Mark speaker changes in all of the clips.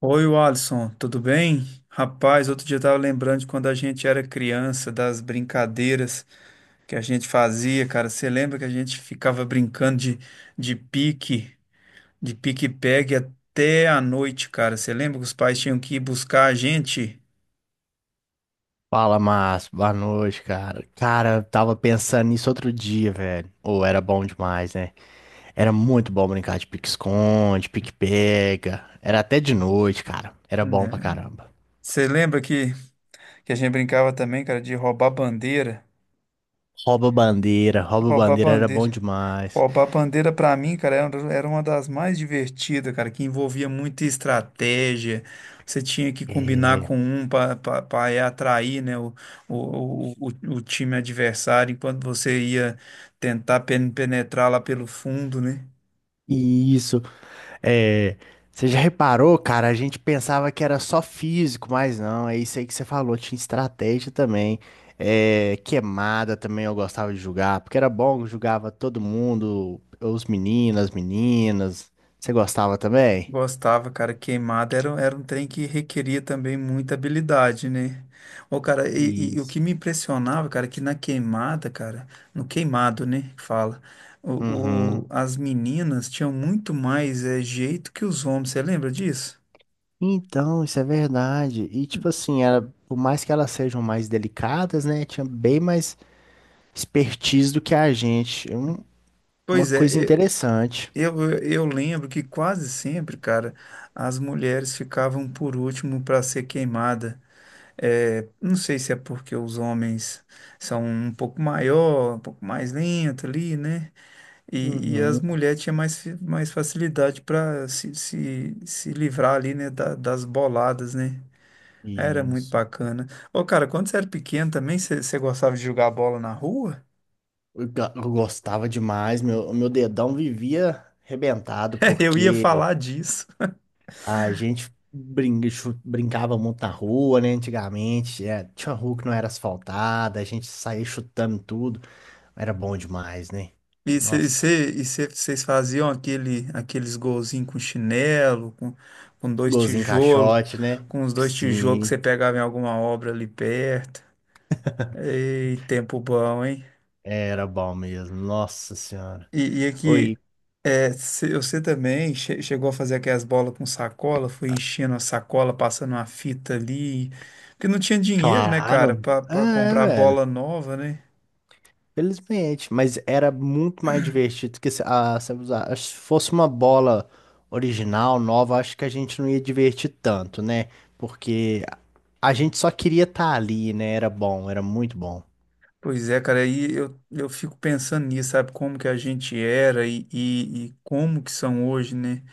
Speaker 1: Oi, Alisson, tudo bem? Rapaz, outro dia eu tava lembrando de quando a gente era criança, das brincadeiras que a gente fazia, cara. Você lembra que a gente ficava brincando de pique, de pique-pegue até a noite, cara? Você lembra que os pais tinham que ir buscar a gente?
Speaker 2: Fala, Márcio. Boa noite, cara. Cara, eu tava pensando nisso outro dia, velho. Ou era bom demais, né? Era muito bom brincar de pique-esconde, pique-pega. Era até de noite, cara. Era bom pra
Speaker 1: Né?
Speaker 2: caramba.
Speaker 1: Você lembra que a gente brincava também, cara, de roubar bandeira?
Speaker 2: Rouba
Speaker 1: Roubar
Speaker 2: bandeira era bom
Speaker 1: bandeira.
Speaker 2: demais.
Speaker 1: Roubar a bandeira pra mim, cara, era uma das mais divertidas, cara, que envolvia muita estratégia. Você tinha que combinar
Speaker 2: É.
Speaker 1: com um para atrair, né, o time adversário, enquanto você ia tentar penetrar lá pelo fundo, né?
Speaker 2: Isso. É, você já reparou, cara? A gente pensava que era só físico, mas não, é isso aí que você falou, tinha estratégia também. É, queimada também eu gostava de jogar, porque era bom, eu jogava todo mundo, os meninos, as meninas. Você gostava também?
Speaker 1: Gostava, cara, queimada era um trem que requeria também muita habilidade, né? Ô, cara, e o
Speaker 2: Isso.
Speaker 1: que me impressionava, cara, é que na queimada, cara, no queimado, né, que fala,
Speaker 2: Uhum.
Speaker 1: as meninas tinham muito mais jeito que os homens, você lembra disso?
Speaker 2: Então, isso é verdade. E tipo assim, era, por mais que elas sejam mais delicadas, né? Tinha bem mais expertise do que a gente. Uma
Speaker 1: Pois é,
Speaker 2: coisa
Speaker 1: e-
Speaker 2: interessante.
Speaker 1: eu lembro que quase sempre, cara, as mulheres ficavam por último para ser queimada. É, não sei se é porque os homens são um pouco maior, um pouco mais lento ali, né? E as
Speaker 2: Uhum.
Speaker 1: mulheres tinham mais, mais facilidade para se livrar ali, né? Das boladas, né? Era muito
Speaker 2: Isso.
Speaker 1: bacana. Ô, cara, quando você era pequeno também, você gostava de jogar bola na rua?
Speaker 2: Eu gostava demais, meu dedão vivia arrebentado,
Speaker 1: Eu ia
Speaker 2: porque
Speaker 1: falar disso.
Speaker 2: a gente brinca- chu- brincava muito na rua, né? Antigamente, é, tinha rua que não era asfaltada, a gente saía chutando tudo. Era bom demais, né?
Speaker 1: E
Speaker 2: Nossa,
Speaker 1: vocês faziam aqueles golzinhos com chinelo, com dois
Speaker 2: golzinho
Speaker 1: tijolos,
Speaker 2: caixote, né?
Speaker 1: com os dois tijolos que você
Speaker 2: Sim,
Speaker 1: pegava em alguma obra ali perto. Ei, tempo bom, hein?
Speaker 2: era bom mesmo. Nossa Senhora.
Speaker 1: E
Speaker 2: Oi,
Speaker 1: aqui, é, você também chegou a fazer aquelas bolas com sacola, foi enchendo a sacola, passando uma fita ali. Porque não tinha dinheiro, né,
Speaker 2: claro.
Speaker 1: cara, pra
Speaker 2: É,
Speaker 1: comprar
Speaker 2: velho.
Speaker 1: bola nova, né?
Speaker 2: Felizmente, mas era muito mais divertido que se usar. Acho que se fosse uma bola original, nova, acho que a gente não ia divertir tanto, né? Porque a gente só queria estar ali, né? Era bom, era muito bom.
Speaker 1: Pois é, cara, aí eu fico pensando nisso, sabe, como que a gente era e como que são hoje, né?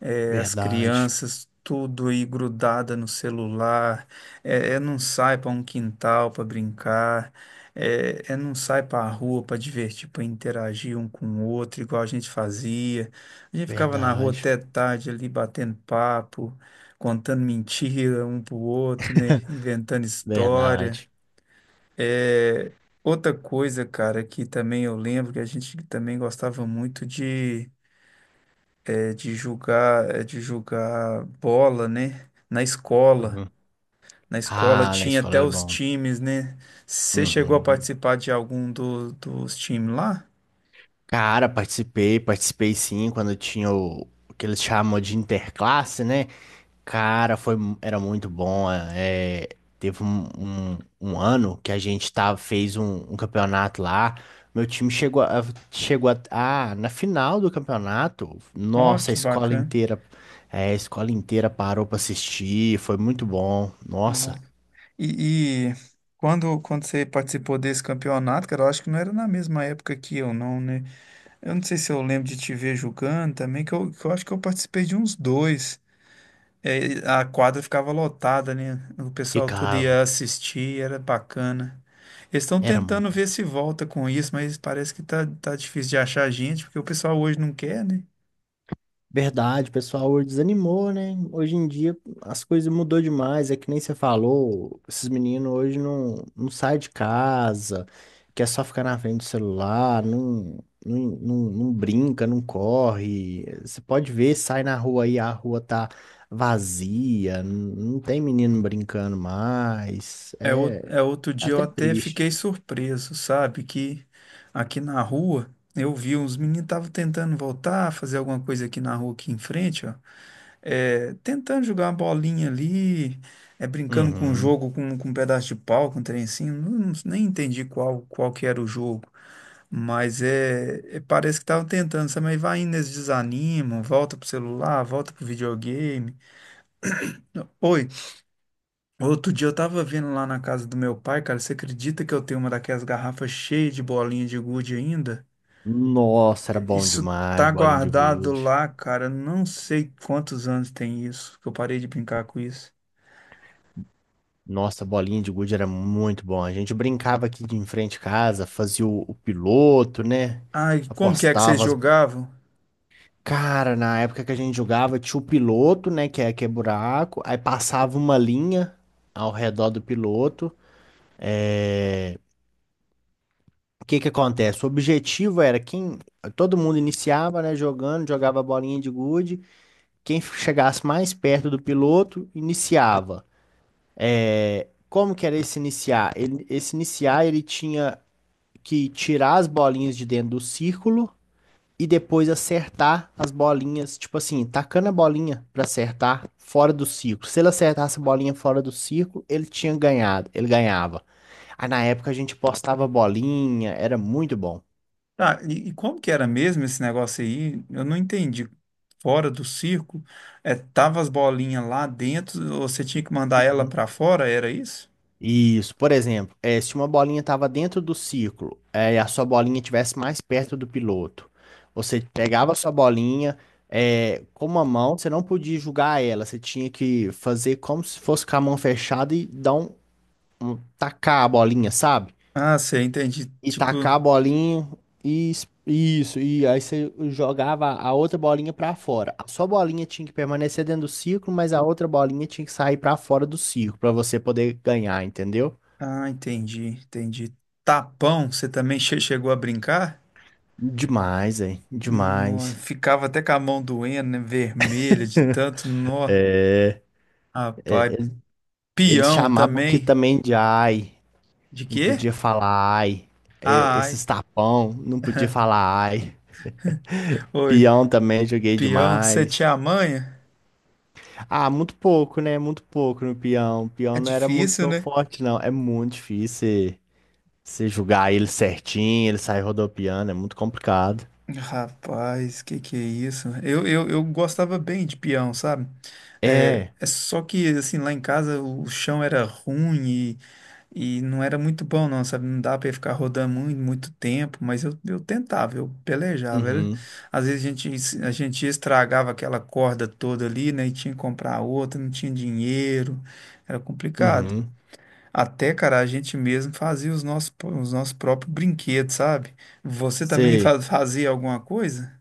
Speaker 1: É, as
Speaker 2: Verdade,
Speaker 1: crianças, tudo aí grudada no celular, é não sai para um quintal para brincar, é não sai para a rua para divertir, para interagir um com o outro, igual a gente fazia. A gente ficava na rua
Speaker 2: verdade,
Speaker 1: até tarde ali batendo papo, contando mentira um pro outro, né? Inventando história.
Speaker 2: verdade.
Speaker 1: É, outra coisa, cara, que também eu lembro que a gente também gostava muito de, é, de jogar bola, né? Na escola.
Speaker 2: Uhum.
Speaker 1: Na escola
Speaker 2: Ah, na
Speaker 1: tinha
Speaker 2: escola
Speaker 1: até
Speaker 2: era
Speaker 1: os
Speaker 2: bom.
Speaker 1: times, né? Você chegou a
Speaker 2: Uhum.
Speaker 1: participar de algum dos times lá?
Speaker 2: Cara, participei, participei sim, quando tinha o que eles chamam de interclasse, né? Cara, era muito bom. Teve um ano que a gente tava, fez um campeonato lá. Meu time chegou na final do campeonato.
Speaker 1: Ó,
Speaker 2: Nossa, a
Speaker 1: que
Speaker 2: escola
Speaker 1: bacana.
Speaker 2: inteira, é, a escola inteira parou pra assistir. Foi muito bom. Nossa,
Speaker 1: Ó. E, e Quando, quando você participou desse campeonato, cara, eu acho que não era na mesma época que eu, não, né? Eu não sei se eu lembro de te ver jogando também, que eu acho que eu participei de uns dois. É, a quadra ficava lotada, né? O pessoal tudo
Speaker 2: ficava.
Speaker 1: ia assistir, era bacana. Eles estão
Speaker 2: Era
Speaker 1: tentando
Speaker 2: muito.
Speaker 1: ver se volta com isso, mas parece que tá difícil de achar gente, porque o pessoal hoje não quer, né?
Speaker 2: Verdade, o pessoal desanimou, né? Hoje em dia as coisas mudou demais, é que nem você falou, esses meninos hoje não, não saem de casa, quer só ficar na frente do celular, não, não brinca, não corre. Você pode ver, sai na rua aí, a rua tá vazia, não, não tem menino brincando mais,
Speaker 1: É,
Speaker 2: é,
Speaker 1: é outro
Speaker 2: é
Speaker 1: dia eu
Speaker 2: até
Speaker 1: até
Speaker 2: triste.
Speaker 1: fiquei surpreso, sabe? Que aqui na rua eu vi uns meninos estavam tentando voltar, fazer alguma coisa aqui na rua aqui em frente, ó. É, tentando jogar uma bolinha ali, é, brincando com um
Speaker 2: Uhum.
Speaker 1: jogo, com um pedaço de pau, com um trencinho, nem entendi qual, qual que era o jogo, mas é, parece que estavam tentando, sabe? Mas vai indo, eles desanimam, volta pro celular, volta pro videogame. Não. Oi, outro dia eu tava vendo lá na casa do meu pai, cara, você acredita que eu tenho uma daquelas garrafas cheias de bolinha de gude ainda?
Speaker 2: Nossa, era bom
Speaker 1: Isso
Speaker 2: demais,
Speaker 1: tá
Speaker 2: bolinha de
Speaker 1: guardado
Speaker 2: gude.
Speaker 1: lá, cara, não sei quantos anos tem isso, que eu parei de brincar com isso.
Speaker 2: Nossa, bolinha de gude era muito bom. A gente brincava aqui de em frente de casa, fazia o piloto, né?
Speaker 1: Ah, e como que é que vocês
Speaker 2: Apostava as...
Speaker 1: jogavam?
Speaker 2: Cara, na época que a gente jogava, tinha o piloto, né? Que é buraco. Aí passava uma linha ao redor do piloto. O que que acontece? O objetivo era quem... Todo mundo iniciava, né? Jogando, jogava a bolinha de gude. Quem chegasse mais perto do piloto, iniciava. É, como que era esse iniciar? Esse iniciar, ele tinha que tirar as bolinhas de dentro do círculo e depois acertar as bolinhas, tipo assim, tacando a bolinha pra acertar fora do círculo. Se ele acertasse a bolinha fora do círculo, ele tinha ganhado, ele ganhava. Aí na época a gente postava bolinha, era muito bom.
Speaker 1: Ah, e como que era mesmo esse negócio aí? Eu não entendi. Fora do circo, é, tava as bolinhas lá dentro, você tinha que mandar ela pra fora, era isso?
Speaker 2: Isso, por exemplo, se uma bolinha estava dentro do círculo, e a sua bolinha estivesse mais perto do piloto, você pegava a sua bolinha, com uma mão, você não podia jogar ela, você tinha que fazer como se fosse com a mão fechada e dar tacar a bolinha, sabe?
Speaker 1: Ah, você entendi.
Speaker 2: E
Speaker 1: Tipo,
Speaker 2: tacar a bolinha isso, e aí você jogava a outra bolinha para fora. A sua bolinha tinha que permanecer dentro do círculo, mas a outra bolinha tinha que sair para fora do círculo para você poder ganhar, entendeu?
Speaker 1: ah, entendi, entendi. Tapão, você também chegou a brincar?
Speaker 2: Demais, é.
Speaker 1: Nó,
Speaker 2: Demais.
Speaker 1: ficava até com a mão doendo, né? Vermelha de tanto nó.
Speaker 2: É,
Speaker 1: Rapaz,
Speaker 2: eles
Speaker 1: peão
Speaker 2: chamavam aqui
Speaker 1: também.
Speaker 2: também de ai.
Speaker 1: De
Speaker 2: Não
Speaker 1: quê?
Speaker 2: podia falar ai. É,
Speaker 1: Ah,
Speaker 2: esses
Speaker 1: ai.
Speaker 2: tapão, não podia falar ai.
Speaker 1: Oi,
Speaker 2: Peão também joguei
Speaker 1: peão, você
Speaker 2: demais.
Speaker 1: tinha a manha?
Speaker 2: Ah, muito pouco, né? Muito pouco no peão.
Speaker 1: É
Speaker 2: Peão não era muito
Speaker 1: difícil,
Speaker 2: meu
Speaker 1: né?
Speaker 2: forte, não. É muito difícil você julgar ele certinho, ele sair rodopiando, é muito complicado.
Speaker 1: Rapaz, que é isso? Eu gostava bem de peão, sabe? É,
Speaker 2: É.
Speaker 1: é só que, assim, lá em casa o chão era ruim e não era muito bom, não, sabe? Não dava pra eu ficar rodando muito, muito tempo, mas eu tentava, eu pelejava. Era-
Speaker 2: Uhum.
Speaker 1: Às vezes a gente estragava aquela corda toda ali, né? E tinha que comprar outra, não tinha dinheiro, era complicado.
Speaker 2: Uhum.
Speaker 1: Até, cara, a gente mesmo fazia os nossos próprios brinquedos, sabe? Você também
Speaker 2: Você
Speaker 1: fazia alguma coisa?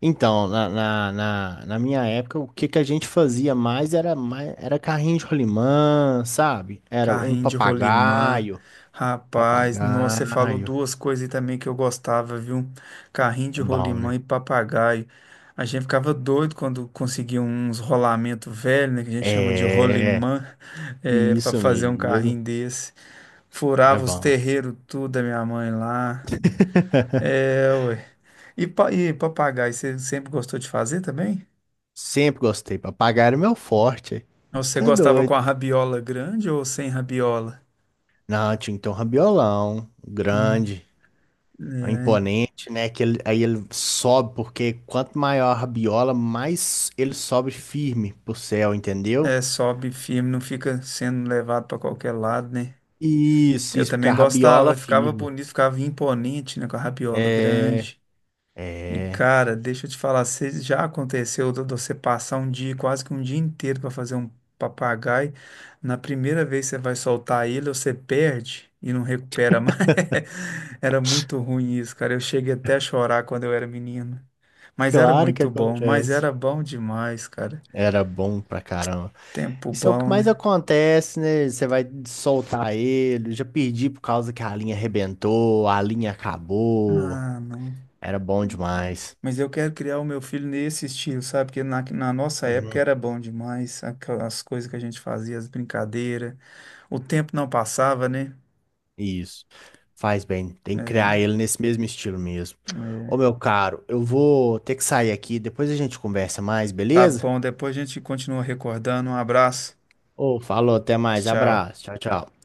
Speaker 2: então, na minha época, o que que a gente fazia mais, era carrinho de rolimã, sabe? Era um
Speaker 1: Carrinho de rolimã.
Speaker 2: papagaio.
Speaker 1: Rapaz, nossa, você falou
Speaker 2: Papagaio.
Speaker 1: duas coisas aí também que eu gostava, viu? Carrinho
Speaker 2: É
Speaker 1: de
Speaker 2: bom,
Speaker 1: rolimã
Speaker 2: né?
Speaker 1: e papagaio. A gente ficava doido quando conseguia uns rolamentos velhos, né? Que a gente chama de
Speaker 2: É,
Speaker 1: rolimã, é, para
Speaker 2: isso
Speaker 1: fazer um
Speaker 2: mesmo.
Speaker 1: carrinho desse.
Speaker 2: Era
Speaker 1: Furava os
Speaker 2: bom.
Speaker 1: terreiros tudo da minha mãe lá. É, ué. E, e papagaio, você sempre gostou de fazer também?
Speaker 2: Sempre gostei. Papagaio era meu forte.
Speaker 1: Ou
Speaker 2: Você
Speaker 1: você
Speaker 2: tá
Speaker 1: gostava com a
Speaker 2: doido.
Speaker 1: rabiola grande ou sem rabiola?
Speaker 2: Não, tinha que um rabiolão
Speaker 1: Hum,
Speaker 2: grande. É imponente, né? Que aí ele sobe, porque quanto maior a rabiola, mais ele sobe firme pro céu, entendeu?
Speaker 1: é, sobe firme, não fica sendo levado para qualquer lado, né?
Speaker 2: Isso,
Speaker 1: Eu
Speaker 2: isso, porque a
Speaker 1: também
Speaker 2: rabiola
Speaker 1: gostava, ficava
Speaker 2: firma.
Speaker 1: bonito, ficava imponente, né, com a rabiola
Speaker 2: É,
Speaker 1: grande. E
Speaker 2: é,
Speaker 1: cara, deixa eu te falar, se já aconteceu de você passar um dia, quase que um dia inteiro para fazer um papagaio, na primeira vez que você vai soltar ele, você perde e não recupera mais. Era muito ruim isso, cara. Eu cheguei até a chorar quando eu era menino. Mas era
Speaker 2: claro que
Speaker 1: muito bom, mas
Speaker 2: acontece.
Speaker 1: era bom demais, cara.
Speaker 2: Era bom pra caramba.
Speaker 1: Tempo
Speaker 2: Isso é o que
Speaker 1: bom,
Speaker 2: mais
Speaker 1: né?
Speaker 2: acontece, né? Você vai soltar ele. Já perdi por causa que a linha arrebentou, a linha acabou.
Speaker 1: Ah, não.
Speaker 2: Era bom demais.
Speaker 1: Mas eu quero criar o meu filho nesse estilo, sabe? Porque na nossa época era bom demais, aquelas coisas que a gente fazia, as brincadeiras. O tempo não passava, né?
Speaker 2: Isso. Faz bem. Tem que criar
Speaker 1: É,
Speaker 2: ele nesse mesmo estilo mesmo. Ô,
Speaker 1: é.
Speaker 2: meu caro, eu vou ter que sair aqui. Depois a gente conversa mais,
Speaker 1: Tá
Speaker 2: beleza?
Speaker 1: bom, depois a gente continua recordando. Um abraço.
Speaker 2: Ô, falou, até mais.
Speaker 1: Tchau.
Speaker 2: Abraço. Tchau, tchau.